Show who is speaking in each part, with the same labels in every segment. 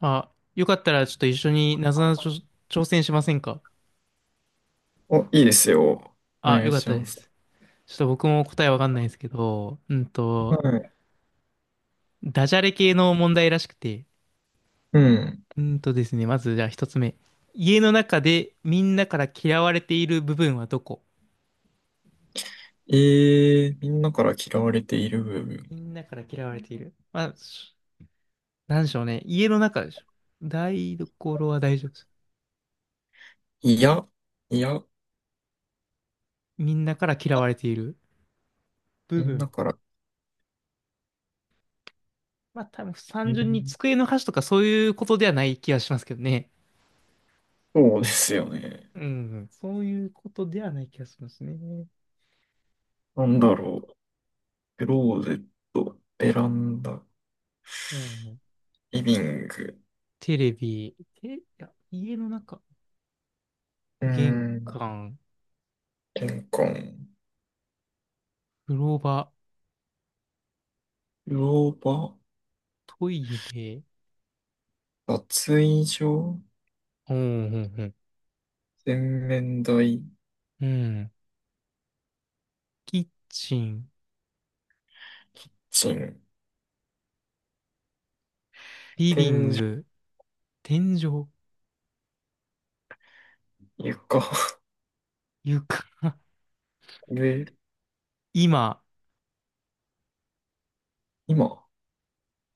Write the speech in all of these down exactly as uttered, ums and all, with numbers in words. Speaker 1: あ、よかったらちょっと一緒になぞなぞ挑戦しませんか？
Speaker 2: お、いいですよ。お
Speaker 1: あ、
Speaker 2: 願
Speaker 1: よ
Speaker 2: い
Speaker 1: かっ
Speaker 2: し
Speaker 1: た
Speaker 2: ま
Speaker 1: で
Speaker 2: す。
Speaker 1: す。ちょっと僕も答えわかんないですけど、うん
Speaker 2: は
Speaker 1: と、
Speaker 2: い。
Speaker 1: ダジャレ系の問題らしくて、
Speaker 2: うん。
Speaker 1: うんとですね、まずじゃあ一つ目。家の中でみんなから嫌われている部分はどこ？
Speaker 2: えー、みんなから嫌われている部分。
Speaker 1: みんなから嫌われている。まあ、しなんでしょうね。家の中でしょ。台所は大丈夫です。
Speaker 2: いや、いや、
Speaker 1: みんなから嫌われている部
Speaker 2: みんな
Speaker 1: 分。
Speaker 2: から。
Speaker 1: まあ多分
Speaker 2: え
Speaker 1: 単純に
Speaker 2: ー
Speaker 1: 机の端とかそういうことではない気がしますけどね。
Speaker 2: そうですよね。
Speaker 1: うん、そういうことではない気がしますね。
Speaker 2: なん
Speaker 1: な
Speaker 2: だ
Speaker 1: んだ、
Speaker 2: ろう。クローゼット、ベランダ、
Speaker 1: うん、
Speaker 2: リビング、
Speaker 1: テレビ、テ、いや、家の中、
Speaker 2: うー
Speaker 1: 玄
Speaker 2: ん、
Speaker 1: 関、
Speaker 2: 玄関、
Speaker 1: 風呂場、
Speaker 2: 風呂場、
Speaker 1: トイレ、
Speaker 2: 脱衣所、
Speaker 1: うん、うん、
Speaker 2: 洗面台、キッ
Speaker 1: うん、うんキッチン、
Speaker 2: チン、
Speaker 1: リビ
Speaker 2: 天
Speaker 1: ン
Speaker 2: 井、
Speaker 1: グ、天井、
Speaker 2: 床、
Speaker 1: 床、
Speaker 2: 上、
Speaker 1: 今、
Speaker 2: 今。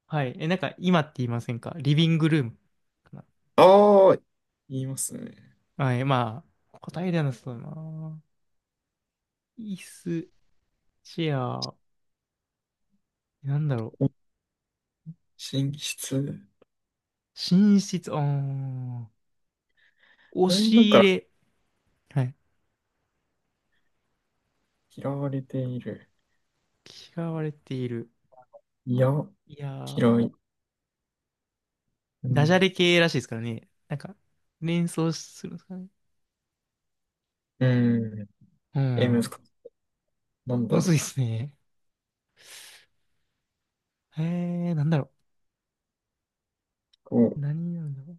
Speaker 1: はい、え、なんか今って言いませんか？リビングルームか
Speaker 2: ああ、言いますね。
Speaker 1: な。はい、まあ、答えではなさそうだな。椅子、チェア、なんだろう、
Speaker 2: お寝室。
Speaker 1: 寝室、あー押
Speaker 2: みんな
Speaker 1: し
Speaker 2: か
Speaker 1: 入
Speaker 2: ら
Speaker 1: れ、はい。
Speaker 2: 嫌われている。
Speaker 1: 嫌われている。
Speaker 2: いや、
Speaker 1: いやー、
Speaker 2: 嫌い。う
Speaker 1: ダ
Speaker 2: ん。
Speaker 1: ジャレ系らしいですからね。なんか、連想するんですかね。
Speaker 2: うん。
Speaker 1: う
Speaker 2: え、難
Speaker 1: ん。
Speaker 2: しい。なんだ
Speaker 1: む
Speaker 2: ろ
Speaker 1: ずい
Speaker 2: う。
Speaker 1: ですね。へえー、なんだろ
Speaker 2: こ
Speaker 1: う。何なんだろう。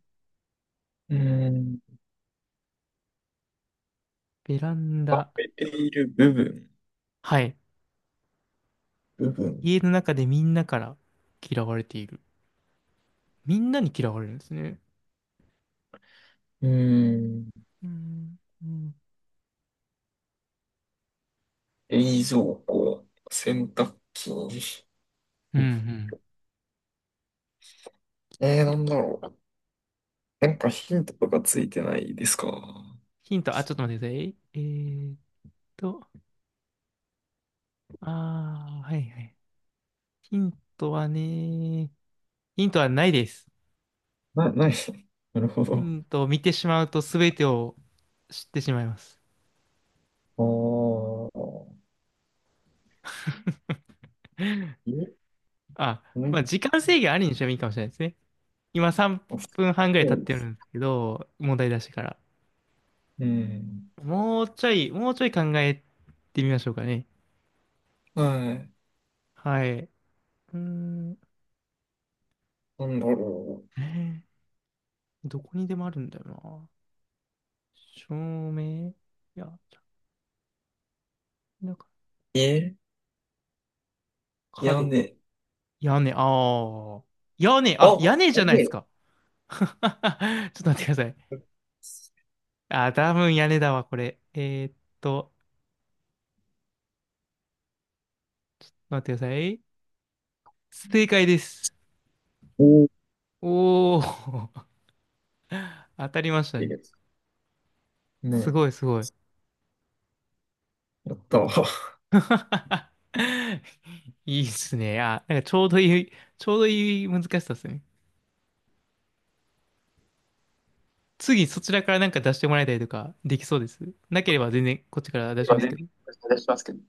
Speaker 2: う。うん。
Speaker 1: ベラン
Speaker 2: 食
Speaker 1: ダ。
Speaker 2: べている部分。
Speaker 1: はい。
Speaker 2: 部分。
Speaker 1: 家の中でみんなから嫌われている。みんなに嫌われるんですね。
Speaker 2: うん。
Speaker 1: うん。うん。
Speaker 2: 冷蔵庫。洗濯機。
Speaker 1: うんうん
Speaker 2: えー、なんだろう。なんかヒントとかついてないですか？
Speaker 1: ヒント、あ、ちょっと待ってください。えーっと、あー、はいはい。ヒントはね、ヒントはないです。
Speaker 2: な、ない。なるほ
Speaker 1: う
Speaker 2: ど。
Speaker 1: んと、見てしまうと全てを知ってしまいます。
Speaker 2: ああ。え、
Speaker 1: あ、ま
Speaker 2: ね。
Speaker 1: あ、時間制限ありにしてもいいかもしれないですね。今さんぷんはんぐらい経
Speaker 2: そ
Speaker 1: っ
Speaker 2: うで
Speaker 1: てる
Speaker 2: す。
Speaker 1: んですけど、問題出してから。
Speaker 2: うん。
Speaker 1: もうちょい、もうちょい考えてみましょうかね。
Speaker 2: はい。
Speaker 1: はい。うーん、
Speaker 2: なんだろ
Speaker 1: えーどこにでもあるんだよな。照明、いや、なんか、
Speaker 2: う。え、屋
Speaker 1: 角、
Speaker 2: 根。
Speaker 1: 屋根、ああ、屋根、
Speaker 2: あ、
Speaker 1: あ、屋根じ
Speaker 2: お
Speaker 1: ゃないで
Speaker 2: い
Speaker 1: す
Speaker 2: い。
Speaker 1: か。ちょっと待ってください。あー、多分屋根だわ、これ。えーっと、待ってください。正解です。
Speaker 2: おー、
Speaker 1: おー、当たりました
Speaker 2: いい
Speaker 1: ね。
Speaker 2: です。
Speaker 1: す
Speaker 2: ね
Speaker 1: ごいすごい。
Speaker 2: え、やったわ。
Speaker 1: いいっすね。あ、なんかちょうどいい、ちょうどいい難しさですね。次そちらからなんか出してもらいたりとかできそうです。なければ全然こっちから出し
Speaker 2: 今
Speaker 1: ますけ
Speaker 2: 全
Speaker 1: ど。
Speaker 2: 然お願いしますけど。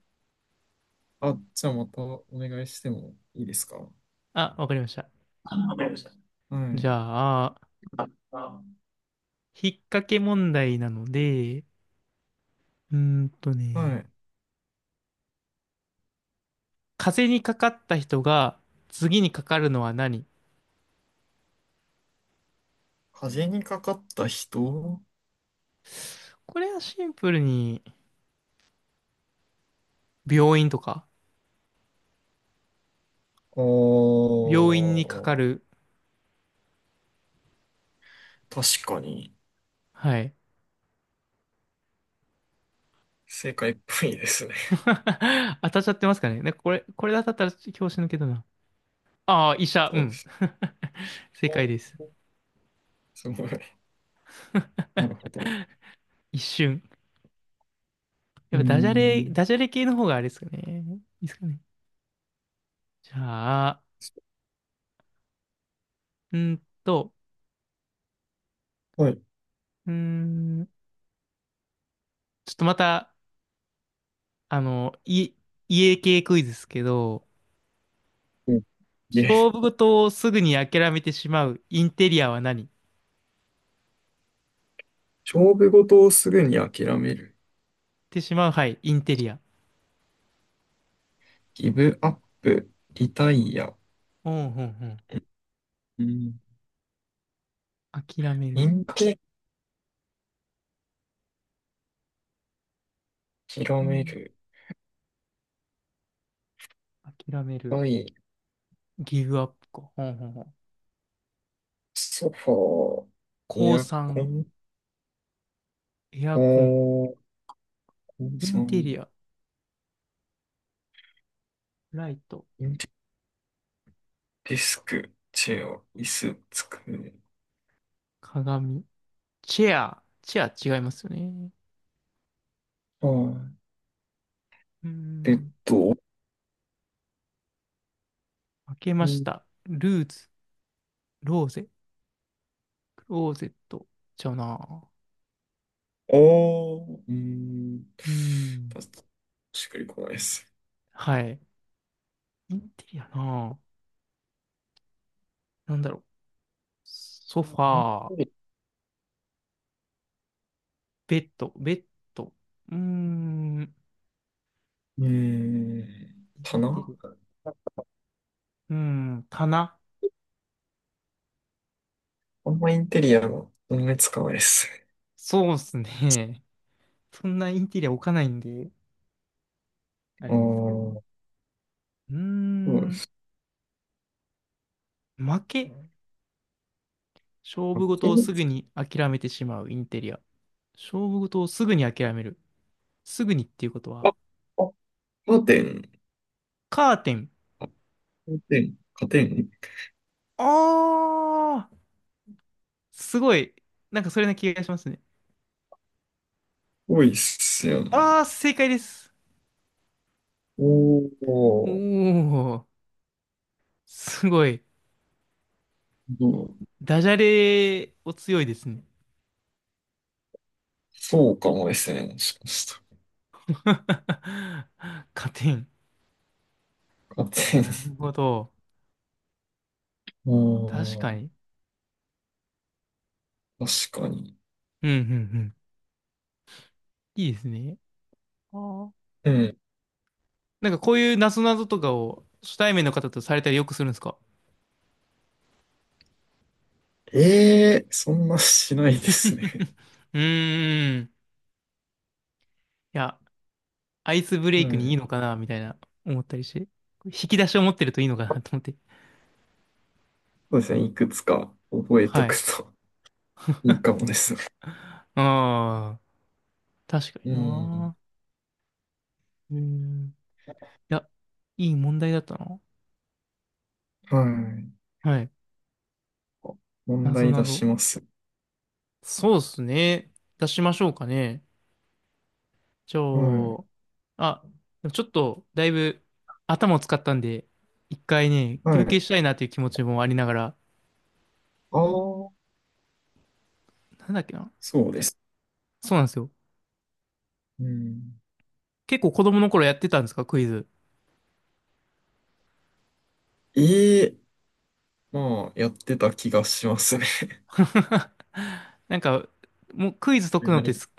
Speaker 2: あ、じゃあまたお願いしてもいいですか？
Speaker 1: あ、わかりました。
Speaker 2: あ、わかりました。は
Speaker 1: じゃ
Speaker 2: い。
Speaker 1: あ、
Speaker 2: あ、あ、
Speaker 1: 引っ掛け問題なので、うーんと
Speaker 2: は
Speaker 1: ね、
Speaker 2: い。
Speaker 1: 風邪にかかった人が次にかかるのは何？
Speaker 2: 風にかかった人。
Speaker 1: これはシンプルに病院とか、
Speaker 2: あ
Speaker 1: 病院にかか
Speaker 2: ー、
Speaker 1: る。
Speaker 2: 確かに。
Speaker 1: はい。
Speaker 2: 正解っぽいですね。
Speaker 1: 当たっちゃってますかね。ね、これ、これで当たったら教師抜けどな。ああ、医者、う
Speaker 2: そうで
Speaker 1: ん。
Speaker 2: す。
Speaker 1: 正解です。
Speaker 2: すごい。なるほど。
Speaker 1: 一瞬。
Speaker 2: う
Speaker 1: や
Speaker 2: ー
Speaker 1: っぱダジャレ、
Speaker 2: ん。
Speaker 1: ダジャレ系の方があれですかね。いいですかね。じゃあ、うーんと、
Speaker 2: はい。
Speaker 1: うーん、ちょっとまた、あの、い、家系クイズですけど、
Speaker 2: うんで、
Speaker 1: 勝負事をすぐに諦めてしまうインテリアは何っ
Speaker 2: 勝負事をすぐに諦める。
Speaker 1: てしまう、はい、インテリア。
Speaker 2: ギブアップ、リタイア、
Speaker 1: うんうんうん。
Speaker 2: うん。
Speaker 1: 諦め
Speaker 2: イ
Speaker 1: る。
Speaker 2: ンテキ
Speaker 1: う
Speaker 2: 広め
Speaker 1: ん。
Speaker 2: る。
Speaker 1: 諦める。
Speaker 2: はい。
Speaker 1: ギブアップか。うんうんうん。
Speaker 2: ソファー、エ
Speaker 1: 降
Speaker 2: アコ
Speaker 1: 参。
Speaker 2: ン、
Speaker 1: エアコン、
Speaker 2: おー、コン
Speaker 1: イン
Speaker 2: ソ
Speaker 1: テリ
Speaker 2: ン、
Speaker 1: ア、ライト、
Speaker 2: インテリデスク、チェア、椅子、机、
Speaker 1: 鏡、チェア、チェア違いますよね。
Speaker 2: はい。
Speaker 1: うー
Speaker 2: ベッ
Speaker 1: ん、
Speaker 2: ド、
Speaker 1: 開けま
Speaker 2: う
Speaker 1: し
Speaker 2: ん、
Speaker 1: た。ルーズ、ローゼ、クローゼット、ちゃうな。
Speaker 2: あー、うーん。
Speaker 1: うーん、
Speaker 2: パス、しっくりこないです。
Speaker 1: はい。インテリアな。なんだろう。ソファ
Speaker 2: イン
Speaker 1: ー、
Speaker 2: テリ、
Speaker 1: ベッド、ベッド。うーん、
Speaker 2: うーん、
Speaker 1: インテ
Speaker 2: 棚、
Speaker 1: リア。うーん、棚。
Speaker 2: あんまインテリアの思いつかないですね。
Speaker 1: そうっすね。そんなインテリア置かないんで、あ
Speaker 2: ああ、
Speaker 1: れですけど。
Speaker 2: そ
Speaker 1: うー
Speaker 2: うで
Speaker 1: ん、
Speaker 2: す。
Speaker 1: 負け。勝負事をすぐに諦めてしまうインテリア。勝負事をすぐに諦める。すぐにっていうこと
Speaker 2: あ、あ、
Speaker 1: は、
Speaker 2: カーテン。
Speaker 1: カーテン。
Speaker 2: 加点、加点
Speaker 1: あー、すごい。なんかそれな気がしますね。
Speaker 2: 多いっすよね。
Speaker 1: あー、正解です。
Speaker 2: お
Speaker 1: お
Speaker 2: ー、
Speaker 1: ー、すごい。
Speaker 2: どう、
Speaker 1: ダジャレお強いですね。
Speaker 2: そうかもですね。もしかした
Speaker 1: カーテン。
Speaker 2: ら。加
Speaker 1: な
Speaker 2: 点。
Speaker 1: るほど。
Speaker 2: う
Speaker 1: 確
Speaker 2: ー
Speaker 1: か
Speaker 2: ん、
Speaker 1: に。
Speaker 2: 確かに。
Speaker 1: うん、うん、うん。いいですね。あー
Speaker 2: うん。
Speaker 1: なんかこういうなぞなぞとかを初対面の方とされたりよくするんですか？
Speaker 2: ええー、そんなしないですね。
Speaker 1: うーん。いや、アイスブレ
Speaker 2: は
Speaker 1: イクにい
Speaker 2: い。
Speaker 1: いのかなみたいな思ったりして。引き出しを持ってるといいのかなと思って。
Speaker 2: そうですね。いくつか覚えと
Speaker 1: は
Speaker 2: く
Speaker 1: い。
Speaker 2: といいかもですね。
Speaker 1: ああ、確か
Speaker 2: う
Speaker 1: に
Speaker 2: ん。
Speaker 1: な。うん。いや、いい問題だったな。
Speaker 2: はい。
Speaker 1: はい。
Speaker 2: 問
Speaker 1: なぞ
Speaker 2: 題
Speaker 1: な
Speaker 2: 出し
Speaker 1: ぞ。
Speaker 2: ます。
Speaker 1: そうっすね。出しましょうかね。じゃ
Speaker 2: は
Speaker 1: あ、
Speaker 2: い。
Speaker 1: あ、でもちょっと、だいぶ頭を使ったんで、一回ね、
Speaker 2: は
Speaker 1: 休憩
Speaker 2: い。
Speaker 1: したいなという気持ちもありながら、
Speaker 2: ああ、
Speaker 1: なんだっけな。
Speaker 2: そうです。
Speaker 1: そうなんですよ。
Speaker 2: うん。
Speaker 1: 結構子供の頃やってたんですか、クイズ？
Speaker 2: ええまあ、やってた気がしますね。
Speaker 1: なんか、もうクイズ解 くのっ
Speaker 2: 何
Speaker 1: てす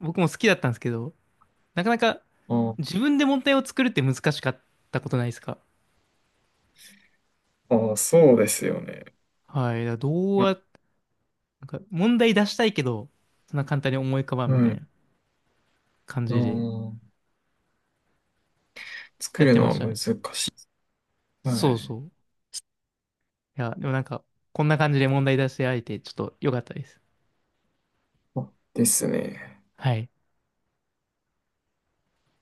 Speaker 1: 僕も好きだったんですけど、なかなか自分で問題を作るって難しかったことないですか？
Speaker 2: ああ、そうですよね。
Speaker 1: はい。だからどう
Speaker 2: な、
Speaker 1: や、なんか問題出したいけど、そんな簡単に思い浮かばん
Speaker 2: う
Speaker 1: みたい
Speaker 2: ん。
Speaker 1: な感じで
Speaker 2: ああ、作
Speaker 1: やっ
Speaker 2: る
Speaker 1: て
Speaker 2: の
Speaker 1: ま
Speaker 2: は
Speaker 1: した
Speaker 2: 難
Speaker 1: ね。
Speaker 2: しい。は
Speaker 1: そう
Speaker 2: い。
Speaker 1: そう。いや、でもなんか、こんな感じで問題出してあえて、ちょっと良かったです。
Speaker 2: あですね。
Speaker 1: はい。